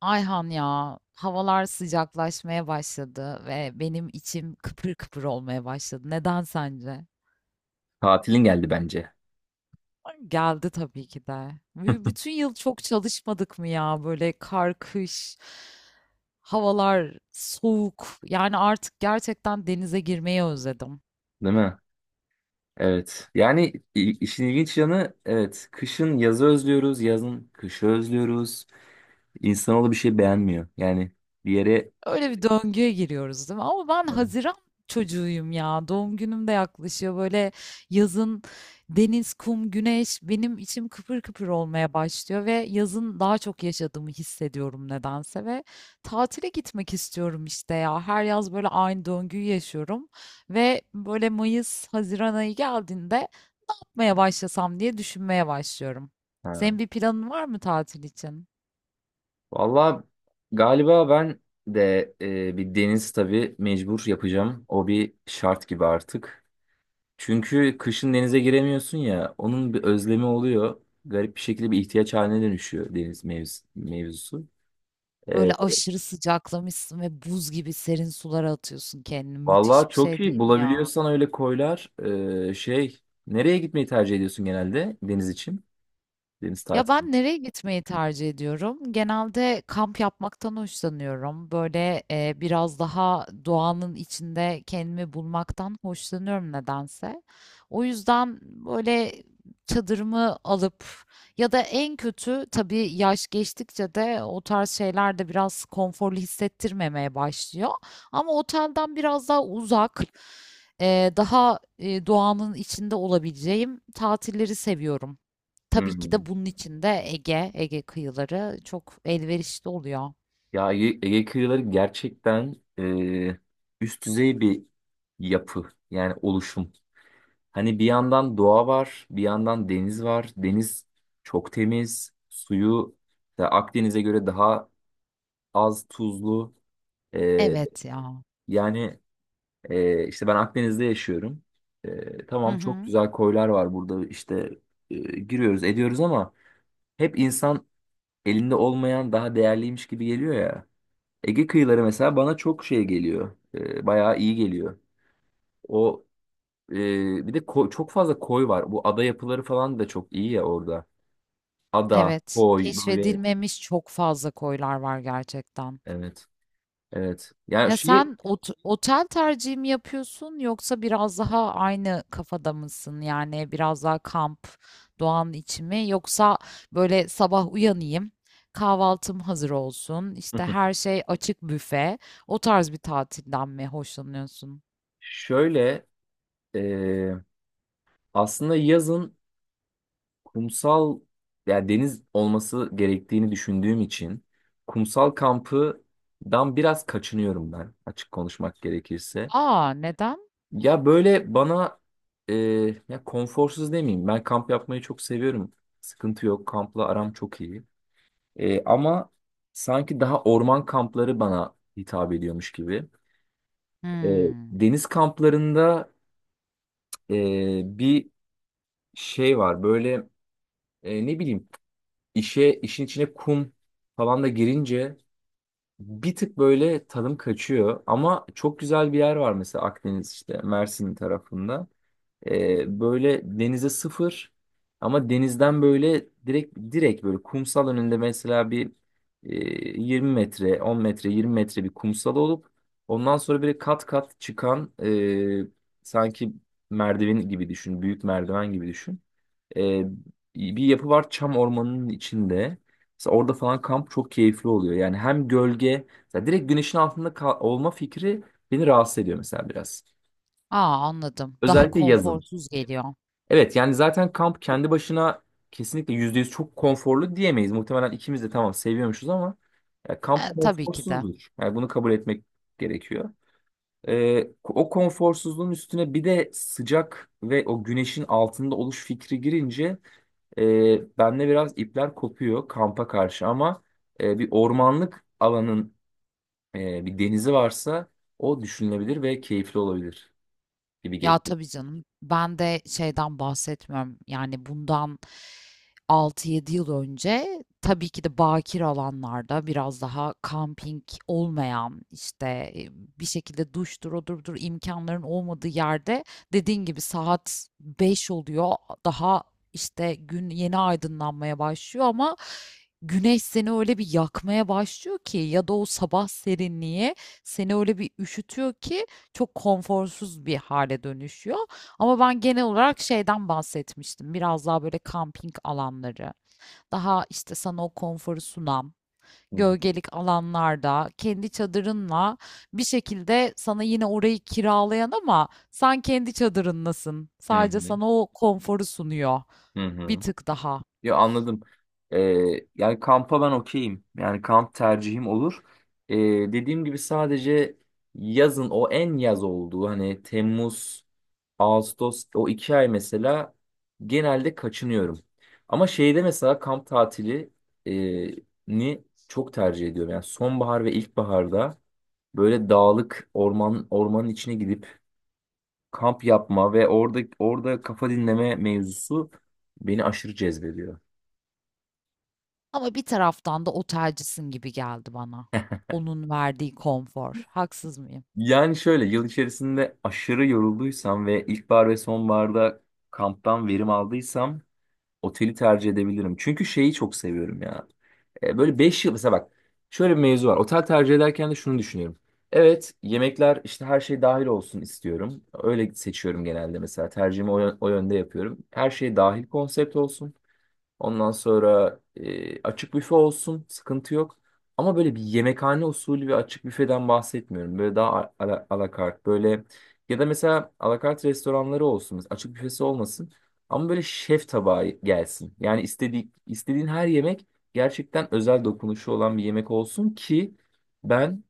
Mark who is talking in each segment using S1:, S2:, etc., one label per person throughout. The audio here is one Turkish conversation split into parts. S1: Ayhan ya, havalar sıcaklaşmaya başladı ve benim içim kıpır kıpır olmaya başladı. Neden sence?
S2: Tatilin geldi bence.
S1: Ay, geldi tabii ki de. Bütün yıl çok çalışmadık mı ya? Böyle kar, kış, havalar soğuk. Yani artık gerçekten denize girmeyi özledim.
S2: Değil mi? Evet. Yani işin ilginç yanı evet. Kışın yazı özlüyoruz. Yazın kışı özlüyoruz. İnsanoğlu bir şey beğenmiyor. Yani bir yere
S1: Öyle bir döngüye giriyoruz değil mi? Ama ben Haziran çocuğuyum ya. Doğum günüm de yaklaşıyor. Böyle yazın deniz, kum, güneş benim içim kıpır kıpır olmaya başlıyor ve yazın daha çok yaşadığımı hissediyorum nedense ve tatile gitmek istiyorum işte ya. Her yaz böyle aynı döngüyü yaşıyorum ve böyle Mayıs, Haziran ayı geldiğinde yapmaya başlasam diye düşünmeye başlıyorum.
S2: ha.
S1: Senin bir planın var mı tatil için?
S2: Vallahi galiba ben de bir deniz tabii mecbur yapacağım. O bir şart gibi artık. Çünkü kışın denize giremiyorsun ya. Onun bir özlemi oluyor. Garip bir şekilde bir ihtiyaç haline dönüşüyor deniz mevzusu. E,
S1: Böyle aşırı sıcaklamışsın ve buz gibi serin sulara atıyorsun kendini.
S2: Vallahi
S1: Müthiş bir
S2: çok
S1: şey
S2: iyi.
S1: değil mi ya?
S2: Bulabiliyorsan öyle koylar. Ee, şey, nereye gitmeyi tercih ediyorsun genelde deniz için? Deniz
S1: Ya
S2: tatili.
S1: ben nereye gitmeyi tercih ediyorum? Genelde kamp yapmaktan hoşlanıyorum. Böyle biraz daha doğanın içinde kendimi bulmaktan hoşlanıyorum nedense. O yüzden böyle çadırımı alıp ya da en kötü tabii yaş geçtikçe de o tarz şeyler de biraz konforlu hissettirmemeye başlıyor. Ama otelden biraz daha uzak, daha doğanın içinde olabileceğim tatilleri seviyorum. Tabii ki de
S2: Hmm.
S1: bunun içinde Ege, Ege kıyıları çok elverişli oluyor.
S2: Ya Ege, Ege kıyıları gerçekten üst düzey bir yapı. Yani oluşum. Hani bir yandan doğa var, bir yandan deniz var. Deniz çok temiz. Suyu da Akdeniz'e göre daha az tuzlu. Ee,
S1: Evet ya.
S2: yani işte ben Akdeniz'de yaşıyorum.
S1: Hı
S2: Tamam çok
S1: hı.
S2: güzel koylar var burada işte giriyoruz ediyoruz ama hep insan elinde olmayan daha değerliymiş gibi geliyor ya. Ege kıyıları mesela bana çok şey geliyor. Bayağı iyi geliyor. O e, bir de çok fazla koy var. Bu ada yapıları falan da çok iyi ya orada. Ada,
S1: Evet.
S2: koy böyle
S1: Keşfedilmemiş çok fazla koylar var gerçekten.
S2: evet. Evet. Yani
S1: Ya
S2: şey
S1: sen otel tercihi mi yapıyorsun yoksa biraz daha aynı kafada mısın? Yani biraz daha kamp, doğanın içi mi? Yoksa böyle sabah uyanayım, kahvaltım hazır olsun, işte her şey açık büfe, o tarz bir tatilden mi hoşlanıyorsun?
S2: şöyle e, aslında yazın kumsal yani deniz olması gerektiğini düşündüğüm için kumsal kampıdan biraz kaçınıyorum ben açık konuşmak gerekirse.
S1: Aa neden?
S2: Ya böyle bana e, ya konforsuz demeyeyim. Ben kamp yapmayı çok seviyorum. Sıkıntı yok. Kampla aram çok iyi. Ama sanki daha orman kampları bana hitap ediyormuş gibi. E,
S1: Hmm.
S2: deniz kamplarında bir şey var. Böyle ne bileyim işin içine kum falan da girince bir tık böyle tadım kaçıyor. Ama çok güzel bir yer var mesela Akdeniz işte Mersin tarafında. Böyle denize sıfır ama denizden böyle direkt böyle kumsal önünde mesela bir e, 20 metre, 10 metre, 20 metre bir kumsal olup ondan sonra böyle kat kat çıkan sanki merdiven gibi düşün, büyük merdiven gibi düşün. Ee, bir yapı var çam ormanının içinde. Mesela orada falan kamp çok keyifli oluyor. Yani hem gölge, mesela direkt güneşin altında olma fikri beni rahatsız ediyor mesela biraz.
S1: Aa anladım. Daha
S2: Özellikle yazın.
S1: konforsuz geliyor.
S2: Evet yani zaten kamp kendi başına kesinlikle %100 çok konforlu diyemeyiz. Muhtemelen ikimiz de tamam seviyormuşuz ama ya kamp
S1: E, tabii ki de.
S2: konforsuzdur. Yani bunu kabul etmek gerekiyor. O konforsuzluğun üstüne bir de sıcak ve o güneşin altında oluş fikri girince bende biraz ipler kopuyor kampa karşı ama bir ormanlık alanın bir denizi varsa o düşünülebilir ve keyifli olabilir gibi
S1: Ya
S2: geliyor.
S1: tabii canım. Ben de şeyden bahsetmiyorum. Yani bundan altı yedi yıl önce tabii ki de bakir alanlarda biraz daha kamping olmayan işte e, bir şekilde duştur odurdur imkanların olmadığı yerde dediğin gibi saat 5 oluyor daha işte gün yeni aydınlanmaya başlıyor ama güneş seni öyle bir yakmaya başlıyor ki ya da o sabah serinliği seni öyle bir üşütüyor ki çok konforsuz bir hale dönüşüyor. Ama ben genel olarak şeyden bahsetmiştim. Biraz daha böyle kamping alanları, daha işte sana o konforu sunan,
S2: Hı hı.
S1: gölgelik alanlarda kendi çadırınla bir şekilde sana yine orayı kiralayan ama sen kendi çadırınlasın.
S2: Hı
S1: Sadece
S2: hı.
S1: sana o konforu sunuyor
S2: Hı
S1: bir
S2: hı.
S1: tık daha.
S2: Ya anladım. E, yani kampa ben okeyim. Yani kamp tercihim olur. E, dediğim gibi sadece yazın o en yaz olduğu hani Temmuz Ağustos o 2 ay mesela genelde kaçınıyorum. Ama şeyde mesela kamp tatili e, ni çok tercih ediyorum. Yani sonbahar ve ilkbaharda böyle dağlık ormanın içine gidip kamp yapma ve orada kafa dinleme mevzusu beni aşırı cezbediyor.
S1: Ama bir taraftan da otelcisin gibi geldi bana. Onun verdiği konfor. Haksız mıyım?
S2: Yani şöyle yıl içerisinde aşırı yorulduysam ve ilkbahar ve sonbaharda kamptan verim aldıysam oteli tercih edebilirim. Çünkü şeyi çok seviyorum ya. Böyle 5 yıl mesela bak şöyle bir mevzu var. Otel tercih ederken de şunu düşünüyorum. Evet yemekler işte her şey dahil olsun istiyorum. Öyle seçiyorum genelde mesela tercihimi o yönde yapıyorum. Her şey dahil konsept olsun. Ondan sonra açık büfe olsun, sıkıntı yok. Ama böyle bir yemekhane usulü ve açık büfeden bahsetmiyorum. Böyle daha alakart böyle ya da mesela alakart restoranları olsun. Mesela açık büfesi olmasın. Ama böyle şef tabağı gelsin. Yani istediğin her yemek gerçekten özel dokunuşu olan bir yemek olsun ki ben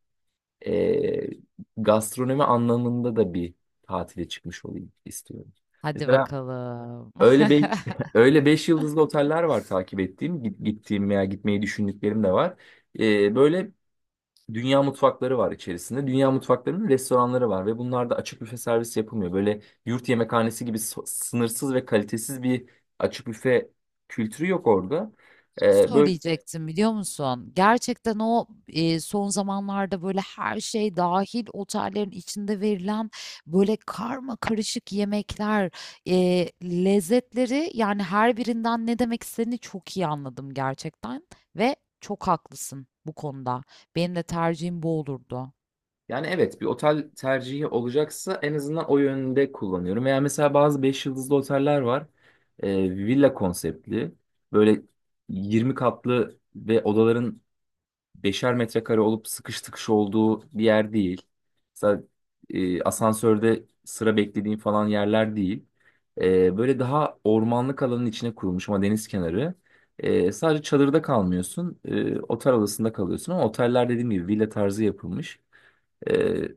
S2: e, gastronomi anlamında da bir tatile çıkmış olayım istiyorum.
S1: Hadi
S2: Mesela
S1: bakalım.
S2: öyle be öyle 5 yıldızlı oteller var takip ettiğim, gittiğim veya gitmeyi düşündüklerim de var. Böyle dünya mutfakları var içerisinde. Dünya mutfaklarının restoranları var ve bunlarda açık büfe servis yapılmıyor. Böyle yurt yemekhanesi gibi sınırsız ve kalitesiz bir açık büfe kültürü yok orada. Böyle
S1: Söyleyecektim biliyor musun? Gerçekten o son zamanlarda böyle her şey dahil otellerin içinde verilen böyle karma karışık yemekler, lezzetleri yani her birinden ne demek istediğini çok iyi anladım gerçekten ve çok haklısın bu konuda. Benim de tercihim bu olurdu.
S2: Yani evet bir otel tercihi olacaksa en azından o yönde kullanıyorum. Veya mesela bazı 5 yıldızlı oteller var. Villa konseptli. Böyle 20 katlı ve odaların 5'er metrekare olup sıkış tıkış olduğu bir yer değil. Mesela asansörde sıra beklediğin falan yerler değil. Böyle daha ormanlık alanın içine kurulmuş ama deniz kenarı. Sadece çadırda kalmıyorsun. Otel odasında kalıyorsun ama oteller dediğim gibi villa tarzı yapılmış. Ee,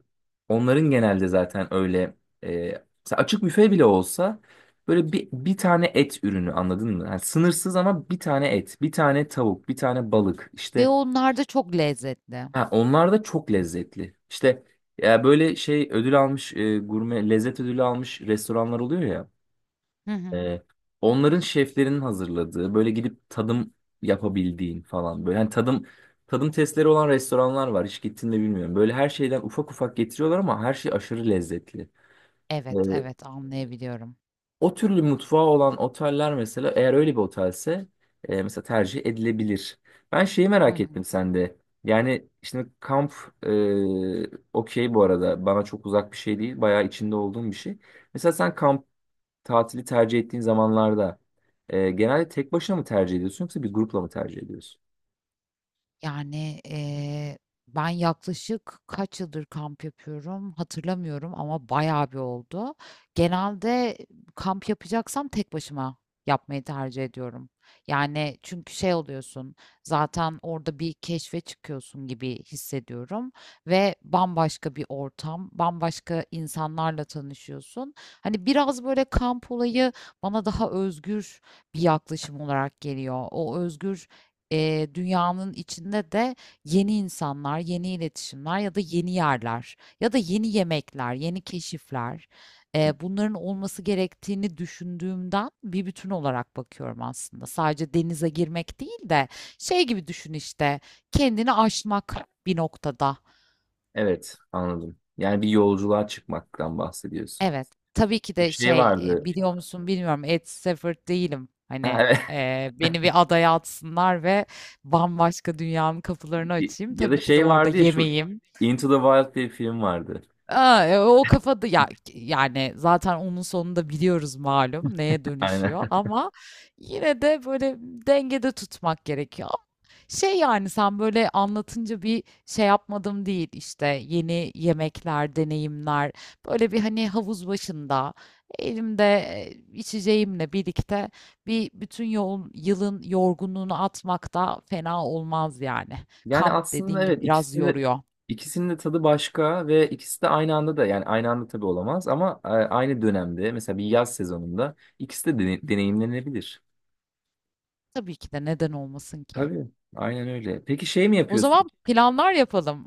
S2: onların genelde zaten öyle e, mesela açık büfe bile olsa böyle bir tane et ürünü anladın mı? Yani sınırsız ama bir tane et, bir tane tavuk, bir tane balık
S1: Ve
S2: işte
S1: onlar da çok lezzetli.
S2: ha, onlar da çok lezzetli. İşte ya böyle şey ödül almış gurme lezzet ödülü almış restoranlar oluyor ya.
S1: Hı hı.
S2: Ee, onların şeflerinin hazırladığı böyle gidip tadım yapabildiğin falan böyle hani tadım testleri olan restoranlar var hiç gittin mi bilmiyorum. Böyle her şeyden ufak ufak getiriyorlar ama her şey aşırı lezzetli. Ee,
S1: Evet, evet anlayabiliyorum.
S2: o türlü mutfağı olan oteller mesela eğer öyle bir otelse mesela tercih edilebilir. Ben şeyi
S1: Hı
S2: merak
S1: hı.
S2: ettim sende. Yani şimdi kamp okey bu arada bana çok uzak bir şey değil bayağı içinde olduğum bir şey. Mesela sen tatili tercih ettiğin zamanlarda genelde tek başına mı tercih ediyorsun yoksa bir grupla mı tercih ediyorsun?
S1: Yani, ben yaklaşık kaç yıldır kamp yapıyorum hatırlamıyorum ama bayağı bir oldu. Genelde kamp yapacaksam tek başıma yapmayı tercih ediyorum. Yani çünkü şey oluyorsun, zaten orada bir keşfe çıkıyorsun gibi hissediyorum ve bambaşka bir ortam, bambaşka insanlarla tanışıyorsun. Hani biraz böyle kamp olayı bana daha özgür bir yaklaşım olarak geliyor. O özgür dünyanın içinde de yeni insanlar, yeni iletişimler ya da yeni yerler ya da yeni yemekler, yeni keşifler bunların olması gerektiğini düşündüğümden bir bütün olarak bakıyorum aslında. Sadece denize girmek değil de şey gibi düşün işte kendini aşmak bir noktada.
S2: Evet, anladım. Yani bir yolculuğa çıkmaktan bahsediyorsun.
S1: Evet. Tabii ki
S2: Bir
S1: de
S2: şey
S1: şey, eee,
S2: vardı.
S1: biliyor musun bilmiyorum, Ed Stafford değilim.
S2: Ha,
S1: Hani,
S2: evet.
S1: eee, beni bir adaya atsınlar ve bambaşka dünyanın kapılarını açayım.
S2: Ya da
S1: Tabii ki de
S2: şey
S1: orada
S2: vardı ya şu
S1: yemeyim.
S2: Into the Wild diye bir film vardı.
S1: O kafada ya, yani zaten onun sonunda biliyoruz malum neye dönüşüyor
S2: Aynen.
S1: ama yine de böyle dengede tutmak gerekiyor. Şey yani sen böyle anlatınca bir şey yapmadım değil işte yeni yemekler, deneyimler böyle bir hani havuz başında elimde içeceğimle birlikte bir bütün yol, yılın yorgunluğunu atmak da fena olmaz yani.
S2: Yani
S1: Kamp
S2: aslında
S1: dediğin gibi
S2: evet
S1: biraz yoruyor.
S2: ikisinin de tadı başka ve ikisi de aynı anda da yani aynı anda tabii olamaz ama aynı dönemde mesela bir yaz sezonunda ikisi de deneyimlenebilir.
S1: Tabii ki de neden olmasın ki?
S2: Tabii. Aynen öyle. Peki şey mi
S1: O
S2: yapıyorsun?
S1: zaman planlar yapalım.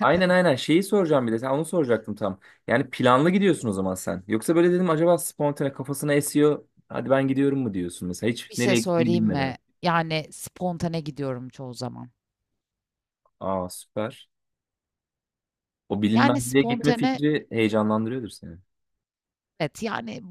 S2: Aynen aynen şeyi soracağım bir de sen onu soracaktım tam. Yani planlı gidiyorsun o zaman sen. Yoksa böyle dedim acaba spontane kafasına esiyor. Hadi ben gidiyorum mu diyorsun mesela hiç
S1: Bir şey
S2: nereye gittiğini
S1: söyleyeyim
S2: bilmeden.
S1: mi? Yani spontane gidiyorum çoğu zaman.
S2: Aa süper. O
S1: Yani
S2: bilinmezliğe gitme
S1: spontane
S2: fikri heyecanlandırıyordur seni.
S1: evet yani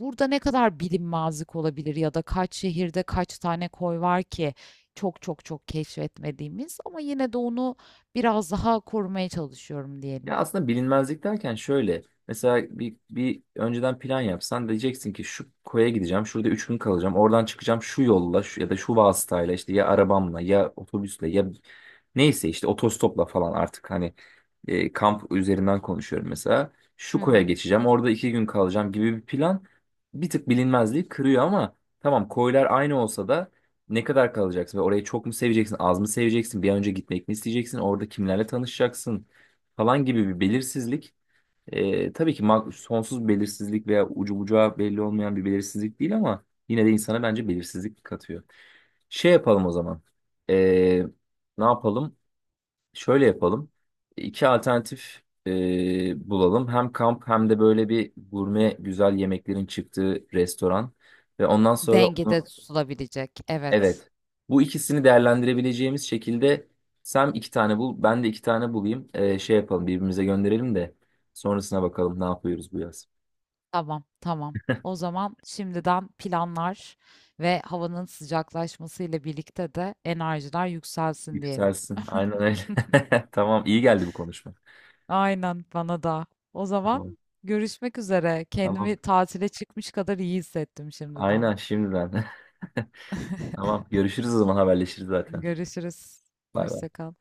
S1: burada ne kadar bilinmezlik olabilir ya da kaç şehirde kaç tane koy var ki çok çok çok keşfetmediğimiz ama yine de onu biraz daha korumaya çalışıyorum diyelim.
S2: Ya aslında bilinmezlik derken şöyle. Mesela bir önceden plan yapsan diyeceksin ki şu koya gideceğim. Şurada 3 gün kalacağım. Oradan çıkacağım şu yolla şu, ya da şu vasıtayla işte ya arabamla ya otobüsle ya neyse işte otostopla falan artık hani kamp üzerinden konuşuyorum mesela.
S1: Hı
S2: Şu
S1: Evet.
S2: koya
S1: hı.
S2: geçeceğim. Orada 2 gün kalacağım gibi bir plan bir tık bilinmezliği kırıyor ama tamam koylar aynı olsa da ne kadar kalacaksın ve orayı çok mu seveceksin, az mı seveceksin, bir an önce gitmek mi isteyeceksin, orada kimlerle tanışacaksın falan gibi bir belirsizlik. Tabii ki sonsuz bir belirsizlik veya ucu bucağı belli olmayan bir belirsizlik değil ama yine de insana bence belirsizlik katıyor. Şey yapalım o zaman. E, ne yapalım? Şöyle yapalım. İki alternatif bulalım. Hem kamp hem de böyle bir gurme güzel yemeklerin çıktığı restoran. Ve ondan sonra
S1: Dengede tutulabilecek. Evet.
S2: evet. Bu ikisini değerlendirebileceğimiz şekilde sen iki tane bul, ben de iki tane bulayım. Şey yapalım, birbirimize gönderelim de sonrasına bakalım ne yapıyoruz bu yaz.
S1: Tamam, tamam. O zaman şimdiden planlar ve havanın sıcaklaşmasıyla birlikte de enerjiler yükselsin diyelim.
S2: Yükselsin. Aynen öyle. Tamam, iyi geldi bu konuşma.
S1: Aynen bana da. O
S2: Tamam.
S1: zaman görüşmek üzere.
S2: Tamam.
S1: Kendimi tatile çıkmış kadar iyi hissettim şimdiden.
S2: Aynen şimdiden. Tamam, görüşürüz o zaman haberleşiriz zaten.
S1: Görüşürüz.
S2: Bay bay.
S1: Hoşça kal.